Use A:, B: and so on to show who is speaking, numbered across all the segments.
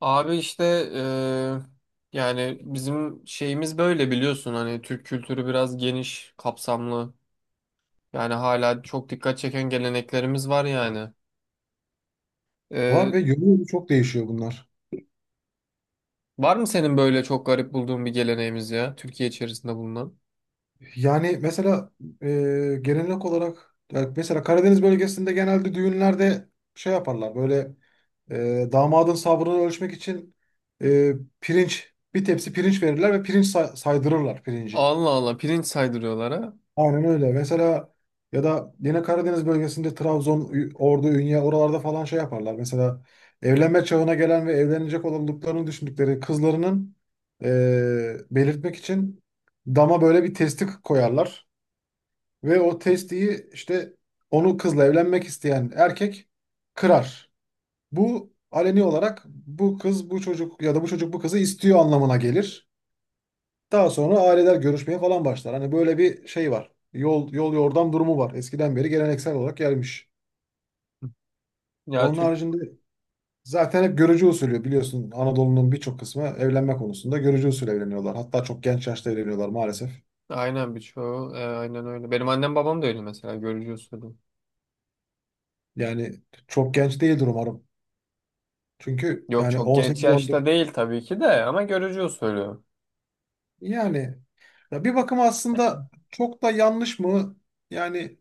A: Abi işte eee, yani bizim şeyimiz böyle biliyorsun hani Türk kültürü biraz geniş, kapsamlı. Yani hala çok dikkat çeken geleneklerimiz var yani.
B: Var
A: Eee,
B: ve yolu çok değişiyor bunlar.
A: var mı senin böyle çok garip bulduğun bir geleneğimiz ya Türkiye içerisinde bulunan?
B: Yani mesela e, gelenek olarak ya mesela Karadeniz bölgesinde genelde düğünlerde şey yaparlar böyle, damadın sabrını ölçmek için e, pirinç bir tepsi pirinç verirler ve saydırırlar pirinci.
A: Allah Allah pirinç saydırıyorlar ha.
B: Aynen öyle. Mesela ya da yine Karadeniz bölgesinde Trabzon, Ordu, Ünye oralarda falan şey yaparlar. Mesela evlenme çağına gelen ve evlenecek olduklarını düşündükleri kızlarının belirtmek için dama böyle bir testi koyarlar. Ve o testiyi işte onu kızla evlenmek isteyen erkek kırar. Bu aleni olarak bu kız bu çocuk ya da bu çocuk bu kızı istiyor anlamına gelir. Daha sonra aileler görüşmeye falan başlar. Hani böyle bir şey var. Yol yol yordam durumu var. Eskiden beri geleneksel olarak gelmiş.
A: Ya
B: Onun
A: Türk
B: haricinde zaten hep görücü usulü biliyorsun, Anadolu'nun birçok kısmı evlenme konusunda görücü usulü evleniyorlar. Hatta çok genç yaşta evleniyorlar maalesef.
A: aynen birçoğu aynen öyle. Benim annem babam da öyle mesela görücü usulü.
B: Yani çok genç değildir umarım. Çünkü
A: Yok
B: yani
A: çok genç yaşta
B: 18-19.
A: değil tabii ki de ama görücü usulü.
B: Yani ya bir bakıma aslında çok da yanlış mı? Yani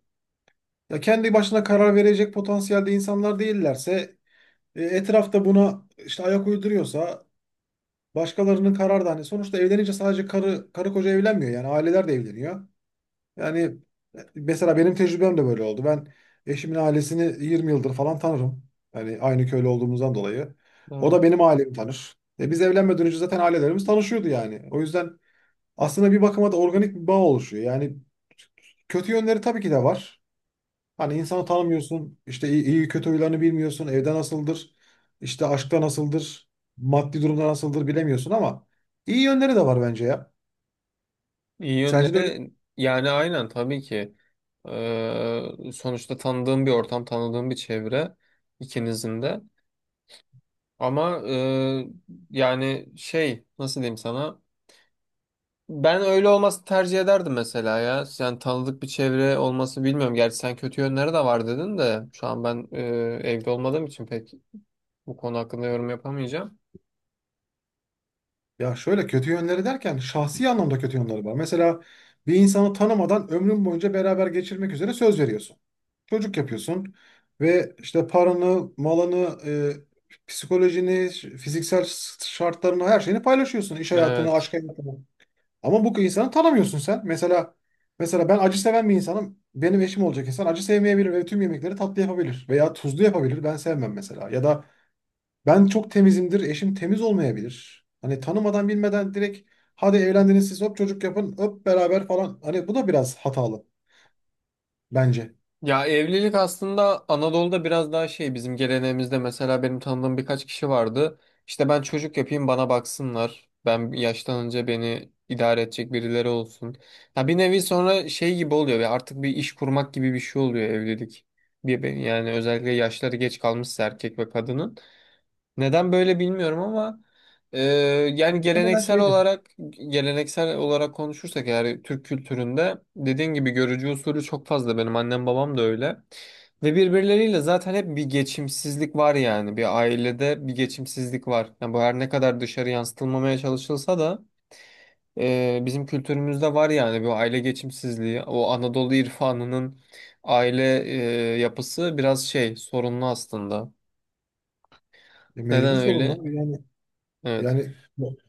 B: ya kendi başına karar verecek potansiyelde insanlar değillerse, etrafta buna işte ayak uyduruyorsa, başkalarının kararı da hani sonuçta evlenince sadece karı koca evlenmiyor yani aileler de evleniyor. Yani mesela benim tecrübem de böyle oldu. Ben eşimin ailesini 20 yıldır falan tanırım. Yani aynı köylü olduğumuzdan dolayı. O da
A: Evet.
B: benim ailemi tanır. E biz evlenmeden önce zaten ailelerimiz tanışıyordu yani. O yüzden aslında bir bakıma da organik bir bağ oluşuyor. Yani kötü yönleri tabii ki de var. Hani insanı tanımıyorsun, işte iyi kötü huylarını bilmiyorsun, evde nasıldır, işte aşkta nasıldır, maddi durumda nasıldır bilemiyorsun ama iyi yönleri de var bence ya.
A: İyi
B: Sence de öyle?
A: yönleri yani aynen tabii ki. Sonuçta tanıdığım bir ortam, tanıdığım bir çevre ikinizin de. Ama yani şey nasıl diyeyim sana? Ben öyle olması tercih ederdim mesela ya. Yani tanıdık bir çevre olması bilmiyorum. Gerçi sen kötü yönleri de var dedin de şu an ben evde olmadığım için pek bu konu hakkında yorum yapamayacağım.
B: Ya şöyle kötü yönleri derken şahsi anlamda kötü yönleri var. Mesela bir insanı tanımadan ömrün boyunca beraber geçirmek üzere söz veriyorsun. Çocuk yapıyorsun ve işte paranı, malını, e, psikolojini, fiziksel şartlarını, her şeyini paylaşıyorsun. İş hayatını,
A: Evet.
B: aşk hayatını. Ama bu insanı tanımıyorsun sen. Mesela ben acı seven bir insanım. Benim eşim olacak insan acı sevmeyebilir ve tüm yemekleri tatlı yapabilir veya tuzlu yapabilir. Ben sevmem mesela. Ya da ben çok temizimdir, eşim temiz olmayabilir. Hani tanımadan bilmeden direkt hadi evlendiniz siz hop çocuk yapın, öp beraber falan. Hani bu da biraz hatalı bence.
A: Ya evlilik aslında Anadolu'da biraz daha şey bizim geleneğimizde mesela benim tanıdığım birkaç kişi vardı. İşte ben çocuk yapayım bana baksınlar. Ben yaşlanınca beni idare edecek birileri olsun. Ya bir nevi sonra şey gibi oluyor ve artık bir iş kurmak gibi bir şey oluyor evlilik. Yani özellikle yaşları geç kalmışsa erkek ve kadının. Neden böyle bilmiyorum ama e, yani
B: Muhtemelen
A: geleneksel
B: şeydir.
A: olarak geleneksel olarak konuşursak eğer Türk kültüründe dediğin gibi görücü usulü çok fazla benim annem babam da öyle. Ve birbirleriyle zaten hep bir geçimsizlik var yani bir ailede bir geçimsizlik var. Yani bu her ne kadar dışarı yansıtılmamaya çalışılsa da bizim kültürümüzde var yani bu aile geçimsizliği. O Anadolu irfanının aile yapısı biraz şey sorunlu aslında.
B: E,
A: Neden
B: mecbur
A: öyle?
B: sorunlar.
A: Evet.
B: Yani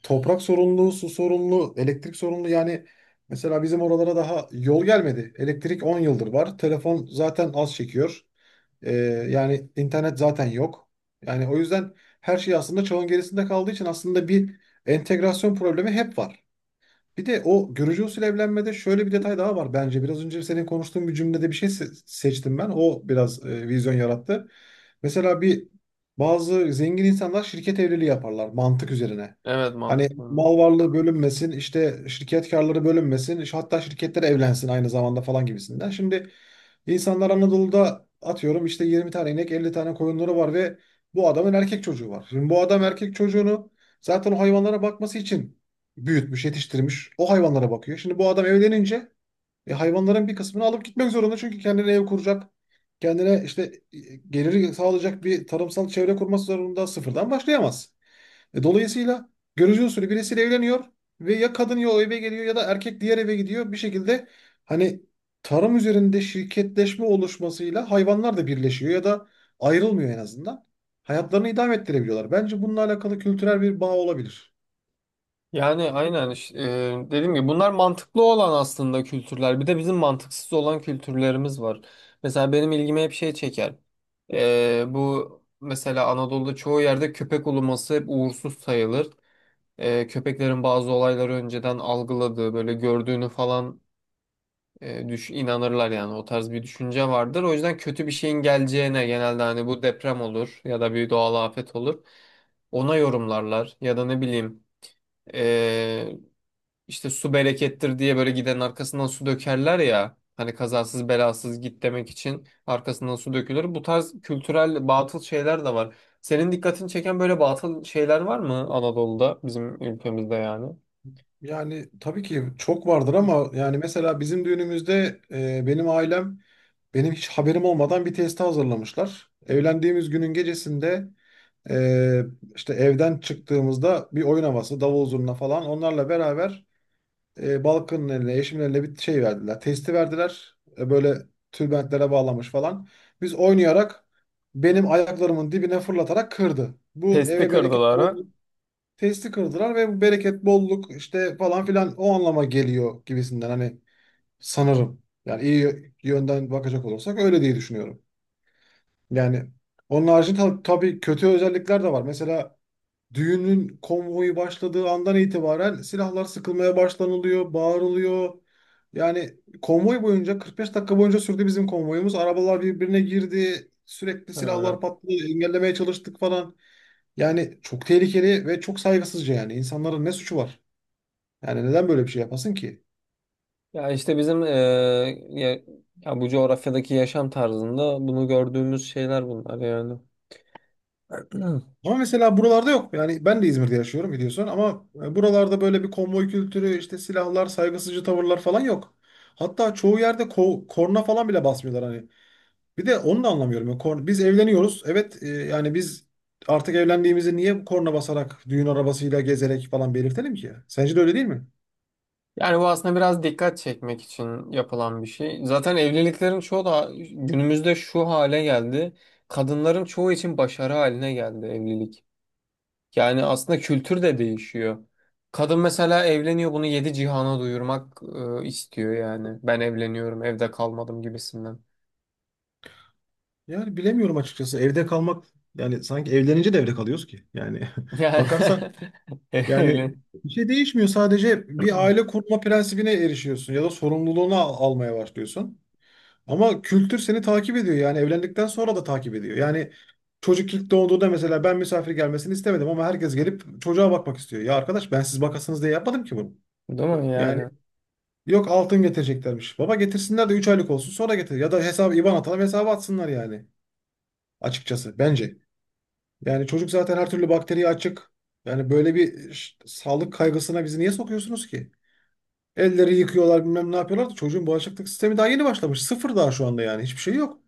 B: toprak sorunlu, su sorunlu, elektrik sorunlu. Yani mesela bizim oralara daha yol gelmedi. Elektrik 10 yıldır var. Telefon zaten az çekiyor. Ee, yani internet zaten yok. Yani o yüzden her şey aslında çağın gerisinde kaldığı için aslında bir entegrasyon problemi hep var. Bir de o görücü usulü evlenmede şöyle bir detay daha var bence. Biraz önce senin konuştuğun bir cümlede bir şey seçtim ben. O biraz vizyon yarattı. Mesela bir bazı zengin insanlar şirket evliliği yaparlar mantık üzerine.
A: Evet
B: Hani
A: mantıklı.
B: mal varlığı bölünmesin, işte şirket karları bölünmesin, işte hatta şirketler evlensin aynı zamanda falan gibisinden. Şimdi insanlar Anadolu'da atıyorum işte 20 tane inek, 50 tane koyunları var ve bu adamın erkek çocuğu var. Şimdi bu adam erkek çocuğunu zaten o hayvanlara bakması için büyütmüş, yetiştirmiş. O hayvanlara bakıyor. Şimdi bu adam evlenince hayvanların bir kısmını alıp gitmek zorunda. Çünkü kendine ev kuracak. Kendine işte e, geliri sağlayacak bir tarımsal çevre kurması zorunda, sıfırdan başlayamaz. E, dolayısıyla görücü usulü birisiyle evleniyor ve ya kadın ya o eve geliyor ya da erkek diğer eve gidiyor. Bir şekilde hani tarım üzerinde şirketleşme oluşmasıyla hayvanlar da birleşiyor ya da ayrılmıyor en azından. Hayatlarını idame ettirebiliyorlar. Bence bununla alakalı kültürel bir bağ olabilir.
A: Yani aynen işte, dediğim gibi bunlar mantıklı olan aslında kültürler. Bir de bizim mantıksız olan kültürlerimiz var. Mesela benim ilgimi hep şey çeker. Bu mesela Anadolu'da çoğu yerde köpek uluması hep uğursuz sayılır. Köpeklerin bazı olayları önceden algıladığı böyle gördüğünü falan düş inanırlar yani o tarz bir düşünce vardır. O yüzden kötü bir şeyin geleceğine genelde hani bu deprem olur ya da bir doğal afet olur. Ona yorumlarlar ya da ne bileyim. Ee, işte su berekettir diye böyle gidenin arkasından su dökerler ya. Hani kazasız belasız git demek için arkasından su dökülür. Bu tarz kültürel batıl şeyler de var. Senin dikkatini çeken böyle batıl şeyler var mı Anadolu'da bizim ülkemizde yani?
B: Yani tabii ki çok vardır ama yani mesela bizim düğünümüzde, benim ailem benim hiç haberim olmadan bir testi hazırlamışlar. Evlendiğimiz günün gecesinde, e, işte evden çıktığımızda bir oyun havası, davul zurna falan onlarla beraber, Balkan'ın eline, eşimin eline bir şey verdiler. Testi verdiler. E, böyle tülbentlere bağlamış falan. Biz oynayarak benim ayaklarımın dibine fırlatarak kırdı. Bu
A: Testi
B: eve bereket
A: kırdılar
B: bol,
A: ha.
B: testi kırdılar ve bu bereket, bolluk işte falan filan o anlama geliyor gibisinden, hani sanırım. Yani iyi yönden bakacak olursak öyle diye düşünüyorum. Yani onun haricinde, tabii kötü özellikler de var. Mesela düğünün konvoyu başladığı andan itibaren silahlar sıkılmaya başlanılıyor, bağırılıyor. Yani konvoy boyunca 45 dakika boyunca sürdü bizim konvoyumuz. Arabalar birbirine girdi. Sürekli
A: Ha.
B: silahlar patladı. Engellemeye çalıştık falan. Yani çok tehlikeli ve çok saygısızca yani. İnsanların ne suçu var? Yani neden böyle bir şey yapasın ki?
A: Ya işte bizim ya, ya bu coğrafyadaki yaşam tarzında bunu gördüğümüz şeyler bunlar yani.
B: Ama mesela buralarda yok. Yani ben de İzmir'de yaşıyorum biliyorsun ama buralarda böyle bir konvoy kültürü, işte silahlar, saygısızcı tavırlar falan yok. Hatta çoğu yerde korna falan bile basmıyorlar hani. Bir de onu da anlamıyorum. Yani korna, biz evleniyoruz. Evet, yani biz artık evlendiğimizi niye korna basarak, düğün arabasıyla gezerek falan belirtelim ki? Sence de öyle değil mi?
A: Yani bu aslında biraz dikkat çekmek için yapılan bir şey. Zaten evliliklerin çoğu da günümüzde şu hale geldi. Kadınların çoğu için başarı haline geldi evlilik. Yani aslında kültür de değişiyor. Kadın mesela evleniyor bunu yedi cihana duyurmak istiyor yani. Ben evleniyorum, evde kalmadım gibisinden.
B: Yani bilemiyorum açıkçası. Evde kalmak, yani sanki evlenince de evde kalıyoruz ki. Yani
A: Yani
B: bakarsan. Yani
A: evlen.
B: bir şey değişmiyor. Sadece bir aile kurma prensibine erişiyorsun ya da sorumluluğunu almaya başlıyorsun. Ama kültür seni takip ediyor. Yani evlendikten sonra da takip ediyor. Yani çocuk ilk doğduğunda mesela ben misafir gelmesini istemedim ama herkes gelip çocuğa bakmak istiyor. Ya arkadaş, ben siz bakasınız diye yapmadım ki bunu.
A: Değil mi
B: Yani
A: yani?
B: yok, altın getireceklermiş. Baba, getirsinler de 3 aylık olsun sonra getir. Ya da hesabı, IBAN atalım, hesabı atsınlar yani. Açıkçası bence. Yani çocuk zaten her türlü bakteriye açık. Yani böyle bir sağlık kaygısına bizi niye sokuyorsunuz ki? Elleri yıkıyorlar bilmem ne yapıyorlar da çocuğun bağışıklık sistemi daha yeni başlamış. Sıfır daha şu anda, yani hiçbir şey yok.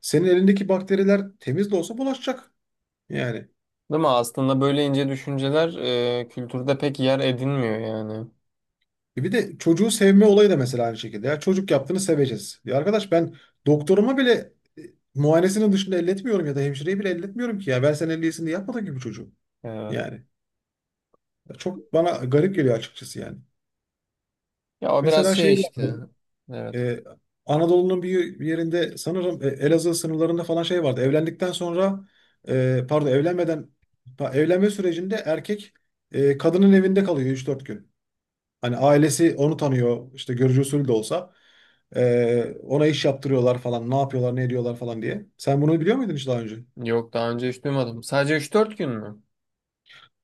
B: Senin elindeki bakteriler temiz de olsa bulaşacak. Yani
A: Değil mi? Aslında böyle ince düşünceler kültürde pek yer edinmiyor yani.
B: E bir de çocuğu sevme olayı da mesela aynı şekilde. Ya çocuk yaptığını seveceğiz. Ya arkadaş ben doktoruma bile, e, muayenesinin dışında elletmiyorum ya da hemşireyi bile elletmiyorum ki ya. Ben sen elliyesin diye yapmadın gibi çocuğu.
A: Evet.
B: Yani Ya çok bana garip geliyor açıkçası yani.
A: Ya o biraz
B: Mesela şey
A: şey
B: var.
A: işte. Evet.
B: Ee, Anadolu'nun bir yerinde sanırım, Elazığ sınırlarında falan şey vardı. Evlendikten sonra, pardon, evlenmeden, evlenme sürecinde erkek, kadının evinde kalıyor 3-4 gün. Hani ailesi onu tanıyor işte görücü usulü de olsa. E, ona iş yaptırıyorlar falan, ne yapıyorlar ne ediyorlar falan diye. Sen bunu biliyor muydun hiç daha önce?
A: Yok daha önce hiç duymadım. Sadece üç dört gün mü?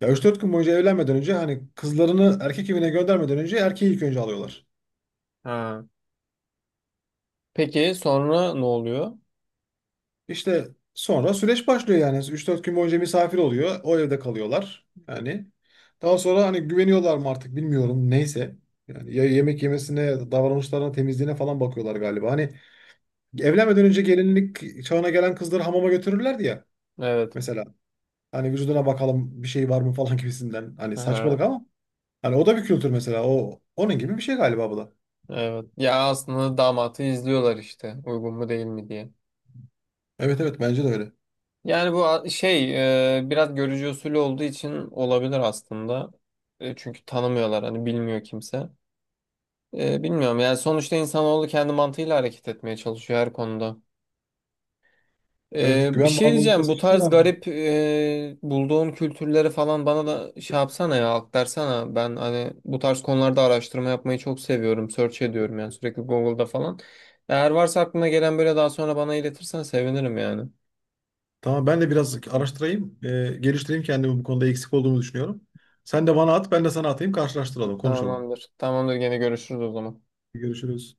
B: Ya 3-4 gün boyunca evlenmeden önce hani kızlarını erkek evine göndermeden önce erkeği ilk önce alıyorlar.
A: Ha. Peki sonra ne oluyor?
B: İşte sonra süreç başlıyor yani. 3-4 gün boyunca misafir oluyor. O evde kalıyorlar. Yani daha sonra hani güveniyorlar mı artık bilmiyorum. Neyse. Yani ya yemek yemesine, davranışlarına, temizliğine falan bakıyorlar galiba. Hani evlenmeden önce gelinlik çağına gelen kızları hamama götürürlerdi ya.
A: Evet.
B: Mesela hani vücuduna bakalım bir şey var mı falan gibisinden. Hani
A: Aha,
B: saçmalık ama. Hani o da bir kültür mesela. O onun gibi bir şey galiba bu da.
A: evet. Ya aslında damatı izliyorlar işte. Uygun mu değil mi diye.
B: Evet evet bence de öyle.
A: Yani bu şey biraz görücü usulü olduğu için olabilir aslında. Çünkü tanımıyorlar hani bilmiyor kimse. Bilmiyorum yani sonuçta insanoğlu kendi mantığıyla hareket etmeye çalışıyor her konuda.
B: Evet
A: Bir
B: güven
A: şey
B: bağımlı
A: diyeceğim
B: oluşması
A: bu
B: için de
A: tarz
B: lazım.
A: garip bulduğun kültürleri falan bana da şey yapsana ya aktarsana ben hani bu tarz konularda araştırma yapmayı çok seviyorum search ediyorum yani sürekli Google'da falan eğer varsa aklına gelen böyle daha sonra bana iletirsen sevinirim yani
B: Tamam, ben de biraz araştırayım, geliştireyim kendimi, bu konuda eksik olduğumu düşünüyorum. Sen de bana at, ben de sana atayım, karşılaştıralım, konuşalım.
A: tamamdır tamamdır gene görüşürüz o zaman.
B: Görüşürüz.